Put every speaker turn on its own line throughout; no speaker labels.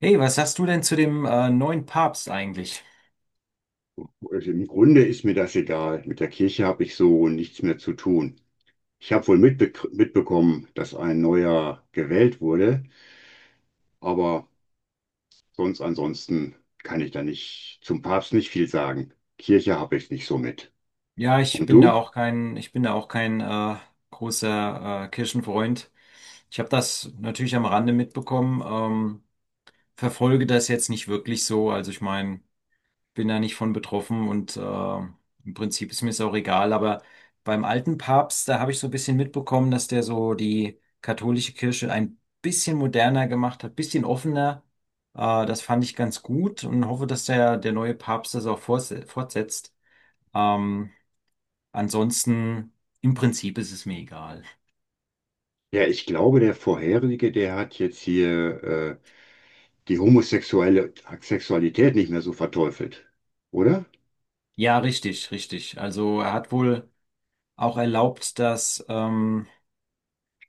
Hey, was sagst du denn zu dem neuen Papst eigentlich?
Also im Grunde ist mir das egal. Mit der Kirche habe ich so nichts mehr zu tun. Ich habe wohl mitbekommen, dass ein neuer gewählt wurde, aber sonst ansonsten kann ich da nicht zum Papst nicht viel sagen. Kirche habe ich nicht so mit.
Ja,
Und du?
ich bin da auch kein großer Kirchenfreund. Ich habe das natürlich am Rande mitbekommen, verfolge das jetzt nicht wirklich so. Also ich meine, bin da nicht von betroffen und im Prinzip ist mir es auch egal. Aber beim alten Papst, da habe ich so ein bisschen mitbekommen, dass der so die katholische Kirche ein bisschen moderner gemacht hat, bisschen offener. Das fand ich ganz gut und hoffe, dass der neue Papst das auch fortsetzt. Ähm, ansonsten, im Prinzip ist es mir egal.
Ja, ich glaube, der vorherige, der hat jetzt hier die homosexuelle Sexualität nicht mehr so verteufelt, oder?
Ja, richtig, richtig. Also er hat wohl auch erlaubt, dass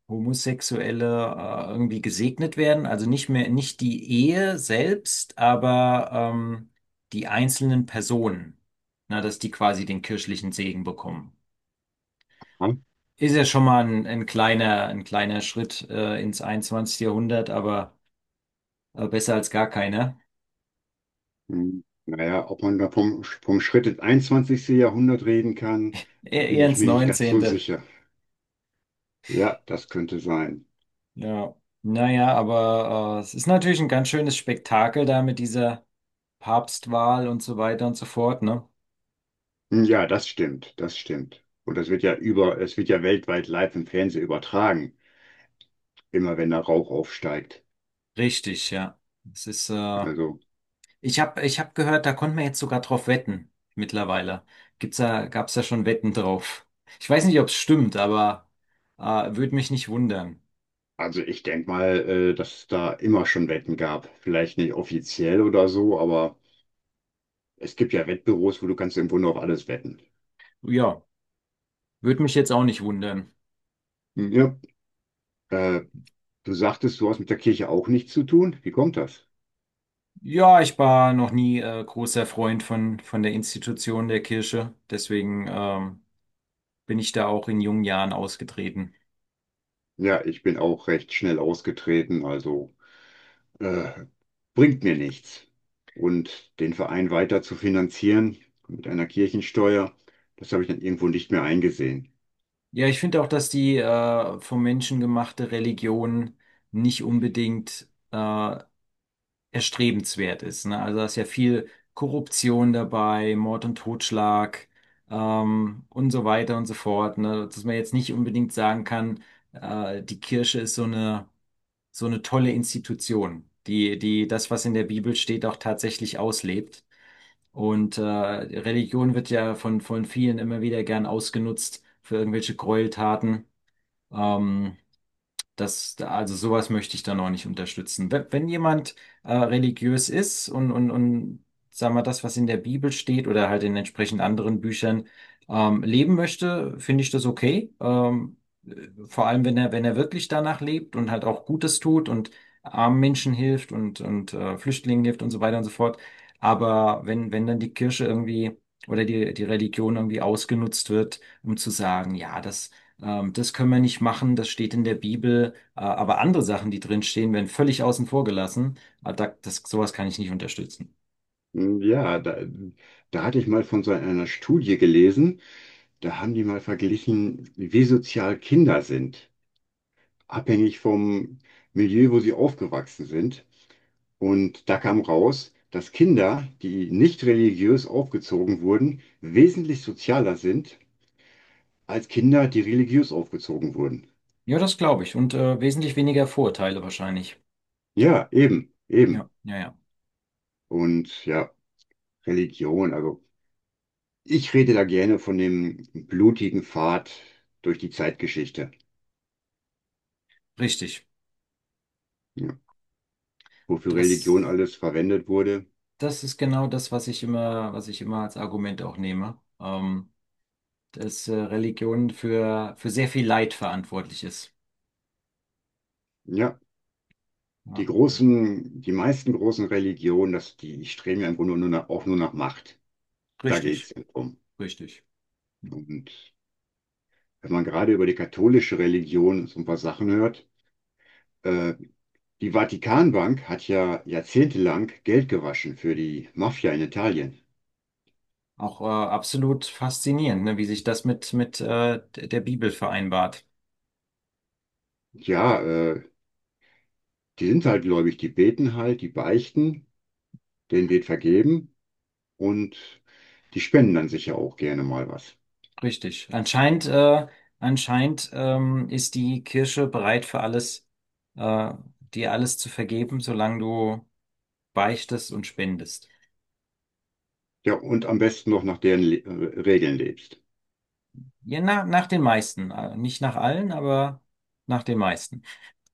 Homosexuelle irgendwie gesegnet werden, also nicht mehr, nicht die Ehe selbst, aber die einzelnen Personen, na, dass die quasi den kirchlichen Segen bekommen.
Hm?
Ist ja schon mal ein kleiner Schritt ins 21. Jahrhundert, aber besser als gar keiner.
Hm, naja, ob man da vom Schritt ins einundzwanzigste Jahrhundert reden kann,
E
da bin
Eher
ich
ins
mir nicht ganz so
neunzehnte.
sicher. Ja, das könnte sein.
Ja. Naja, aber es ist natürlich ein ganz schönes Spektakel da mit dieser Papstwahl und so weiter und so fort, ne?
Hm, ja, das stimmt, das stimmt. Und das wird ja es wird ja weltweit live im Fernsehen übertragen, immer wenn da Rauch aufsteigt.
Richtig, ja. Es ist
Also,
Ich hab gehört, da konnte man jetzt sogar drauf wetten mittlerweile. Gab's da schon Wetten drauf? Ich weiß nicht, ob es stimmt, aber äh, würde mich nicht wundern.
also ich denke mal, dass es da immer schon Wetten gab. Vielleicht nicht offiziell oder so, aber es gibt ja Wettbüros, wo du kannst im Grunde auf alles wetten.
Ja, würde mich jetzt auch nicht wundern.
Hm, ja, äh, du sagtest, du hast mit der Kirche auch nichts zu tun. Wie kommt das?
Ja, ich war noch nie großer Freund von der Institution der Kirche. Deswegen bin ich da auch in jungen Jahren ausgetreten.
Ja, ich bin auch recht schnell ausgetreten, also äh, bringt mir nichts. Und den Verein weiter zu finanzieren mit einer Kirchensteuer, das habe ich dann irgendwo nicht mehr eingesehen.
Ja, ich finde auch, dass die vom Menschen gemachte Religion nicht unbedingt erstrebenswert ist. Ne? Also da ist ja viel Korruption dabei, Mord und Totschlag und so weiter und so fort. Ne? Dass man jetzt nicht unbedingt sagen kann, die Kirche ist so eine tolle Institution, die das, was in der Bibel steht, auch tatsächlich auslebt. Und Religion wird ja von vielen immer wieder gern ausgenutzt für irgendwelche Gräueltaten. Ähm, also sowas möchte ich dann auch nicht unterstützen. Wenn jemand religiös ist und sagen wir das, was in der Bibel steht oder halt in entsprechend anderen Büchern leben möchte, finde ich das okay. Vor allem, wenn er wirklich danach lebt und halt auch Gutes tut und armen Menschen hilft und Flüchtlingen hilft und so weiter und so fort. Aber wenn dann die Kirche irgendwie oder die Religion irgendwie ausgenutzt wird, um zu sagen, ja, das können wir nicht machen, das steht in der Bibel. Aber andere Sachen, die drin stehen, werden völlig außen vor gelassen. Äh, sowas kann ich nicht unterstützen.
Hm, ja, da hatte ich mal von so einer Studie gelesen, da haben die mal verglichen, wie sozial Kinder sind, abhängig vom Milieu, wo sie aufgewachsen sind. Und da kam raus, dass Kinder, die nicht religiös aufgezogen wurden, wesentlich sozialer sind als Kinder, die religiös aufgezogen wurden.
Ja, das glaube ich. Und wesentlich weniger Vorurteile wahrscheinlich.
Ja, eben,
Ja,
eben.
ja, ja.
Und ja, Religion, also ich rede da gerne von dem blutigen Pfad durch die Zeitgeschichte,
Richtig.
ja, wofür Religion
Das,
alles verwendet wurde.
das ist genau das, was ich immer als Argument auch nehme. Dass Religion für sehr viel Leid verantwortlich ist.
Ja. Die
Ja.
großen, die meisten großen Religionen, die streben ja im Grunde nur auch nur nach Macht. Da geht es
Richtig,
drum.
richtig.
Und wenn man gerade über die katholische Religion so ein paar Sachen hört, äh, die Vatikanbank hat ja jahrzehntelang Geld gewaschen für die Mafia in Italien.
Auch absolut faszinierend, ne, wie sich das mit der Bibel vereinbart.
Ja, äh, die sind halt gläubig, die beten halt, die beichten, denen wird vergeben und die spenden dann sicher auch gerne mal was.
Richtig. Anscheinend ist die Kirche bereit für alles, äh, dir alles zu vergeben, solange du beichtest und spendest.
Ja, und am besten noch nach deren Le Regeln lebst.
Ja, na, nach den meisten. Nicht nach allen, aber nach den meisten.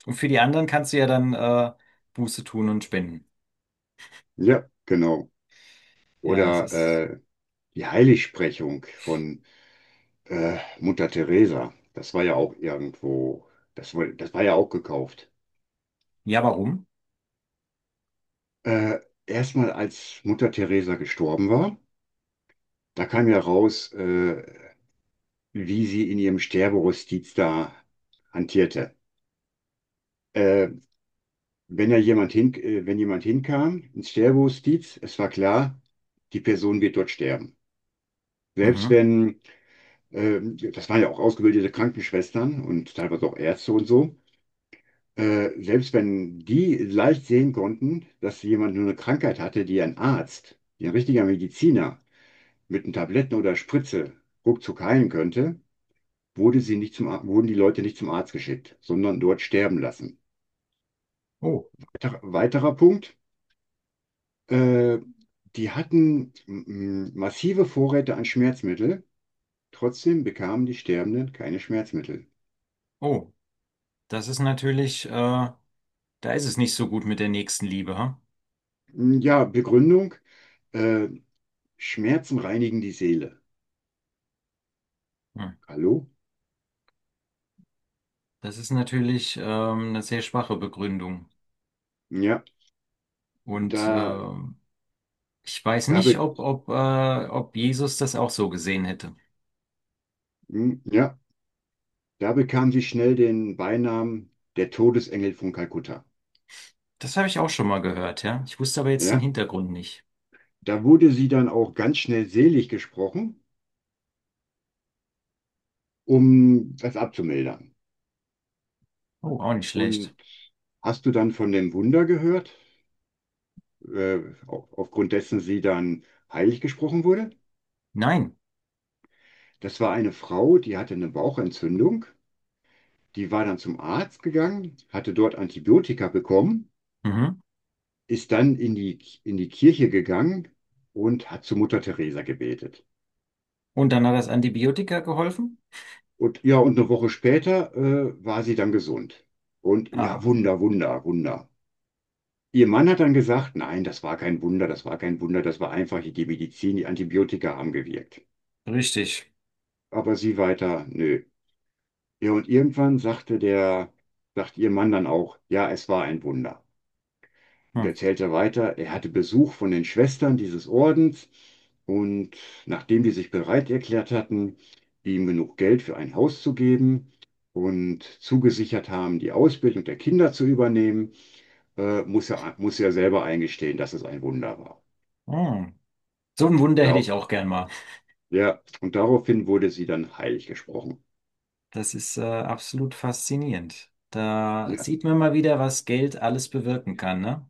Und für die anderen kannst du ja dann Buße tun und spenden.
Ja, genau.
Ja, es
Oder
ist.
die Heiligsprechung von Mutter Teresa. Das war ja auch irgendwo, das war ja auch gekauft.
Ja, warum?
Äh, erstmal als Mutter Teresa gestorben war, da kam ja raus, wie sie in ihrem Sterberustiz da hantierte. Äh, wenn jemand hinkam ins Sterberustiz, es war klar, die Person wird dort sterben. Selbst
Mhm.
wenn, äh, das waren ja auch ausgebildete Krankenschwestern und teilweise auch Ärzte und so. Selbst wenn die leicht sehen konnten, dass jemand nur eine Krankheit hatte, die ein richtiger Mediziner mit einem Tabletten oder Spritze ruckzuck heilen könnte, wurde sie nicht zum, Ar- wurden die Leute nicht zum Arzt geschickt, sondern dort sterben lassen.
Oh,
Weiterer Punkt, äh, die hatten massive Vorräte an Schmerzmittel, trotzdem bekamen die Sterbenden keine Schmerzmittel.
oh, das ist natürlich, da ist es nicht so gut mit der nächsten Liebe, hm?
Mm, ja, Begründung, äh, Schmerzen reinigen die Seele.
Hm.
Hallo?
Das ist natürlich eine sehr schwache Begründung.
Ja,
Und
da
ich weiß
Da
nicht,
be
ob Jesus das auch so gesehen hätte.
ja, da bekam sie schnell den Beinamen der Todesengel von Kalkutta.
Das habe ich auch schon mal gehört, ja. Ich wusste aber jetzt den
Ja,
Hintergrund nicht.
da wurde sie dann auch ganz schnell selig gesprochen, um das abzumildern.
Oh, auch nicht schlecht.
Und hast du dann von dem Wunder gehört, äh, aufgrund dessen sie dann heilig gesprochen wurde?
Nein.
Das war eine Frau, die hatte eine Bauchentzündung, die war dann zum Arzt gegangen, hatte dort Antibiotika bekommen,
Mhm.
ist dann in in die Kirche gegangen und hat zu Mutter Teresa gebetet.
Und dann hat das Antibiotika geholfen?
Und ja, und eine Woche später war sie dann gesund. Und ja,
Ah,
Wunder, Wunder, Wunder. Ihr Mann hat dann gesagt, nein, das war kein Wunder, das war kein Wunder, das war einfach die Medizin, die Antibiotika haben gewirkt.
richtig.
Aber sie weiter, nö. Ja, und irgendwann sagt ihr Mann dann auch, ja, es war ein Wunder. Und
Hm.
erzählt er weiter, er hatte Besuch von den Schwestern dieses Ordens, und nachdem die sich bereit erklärt hatten, ihm genug Geld für ein Haus zu geben und zugesichert haben, die Ausbildung der Kinder zu übernehmen, muss er selber eingestehen, dass es ein Wunder war.
Hm. So ein Wunder hätte
Da,
ich auch gern mal.
ja, und daraufhin wurde sie dann heilig gesprochen.
Das ist absolut faszinierend. Da
Ja,
sieht man mal wieder, was Geld alles bewirken kann, ne?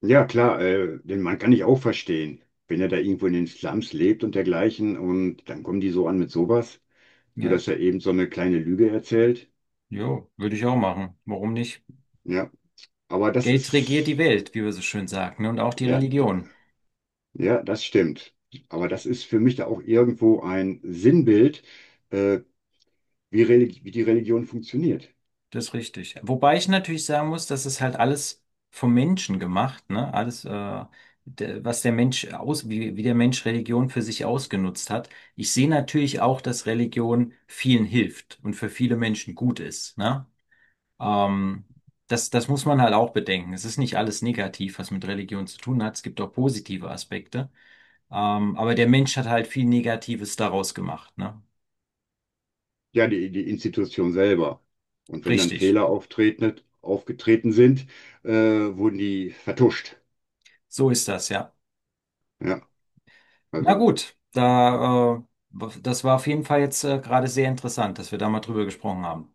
ja klar, den Mann kann ich auch verstehen, wenn er da irgendwo in den Slums lebt und dergleichen und dann kommen die so an mit sowas. Nur,
Ja.
dass er eben so eine kleine Lüge erzählt.
Jo, würde ich auch machen. Warum nicht?
Ja, aber
Geld regiert die Welt, wie wir so schön sagen, ne? Und auch die
ja,
Religion.
ja, das stimmt. Aber das ist für mich da auch irgendwo ein Sinnbild, äh, wie die Religion funktioniert.
Das ist richtig. Wobei ich natürlich sagen muss, das ist halt alles vom Menschen gemacht, ne? Was der Mensch wie der Mensch Religion für sich ausgenutzt hat. Ich sehe natürlich auch, dass Religion vielen hilft und für viele Menschen gut ist, ne? Ähm, das muss man halt auch bedenken. Es ist nicht alles negativ, was mit Religion zu tun hat. Es gibt auch positive Aspekte. Aber der Mensch hat halt viel Negatives daraus gemacht, ne?
Ja, die, die Institution selber. Und wenn dann
Richtig.
Aufgetreten sind, wurden die vertuscht.
So ist das, ja.
Ja,
Na
also.
gut, da, äh, das war auf jeden Fall jetzt gerade sehr interessant, dass wir da mal drüber gesprochen haben.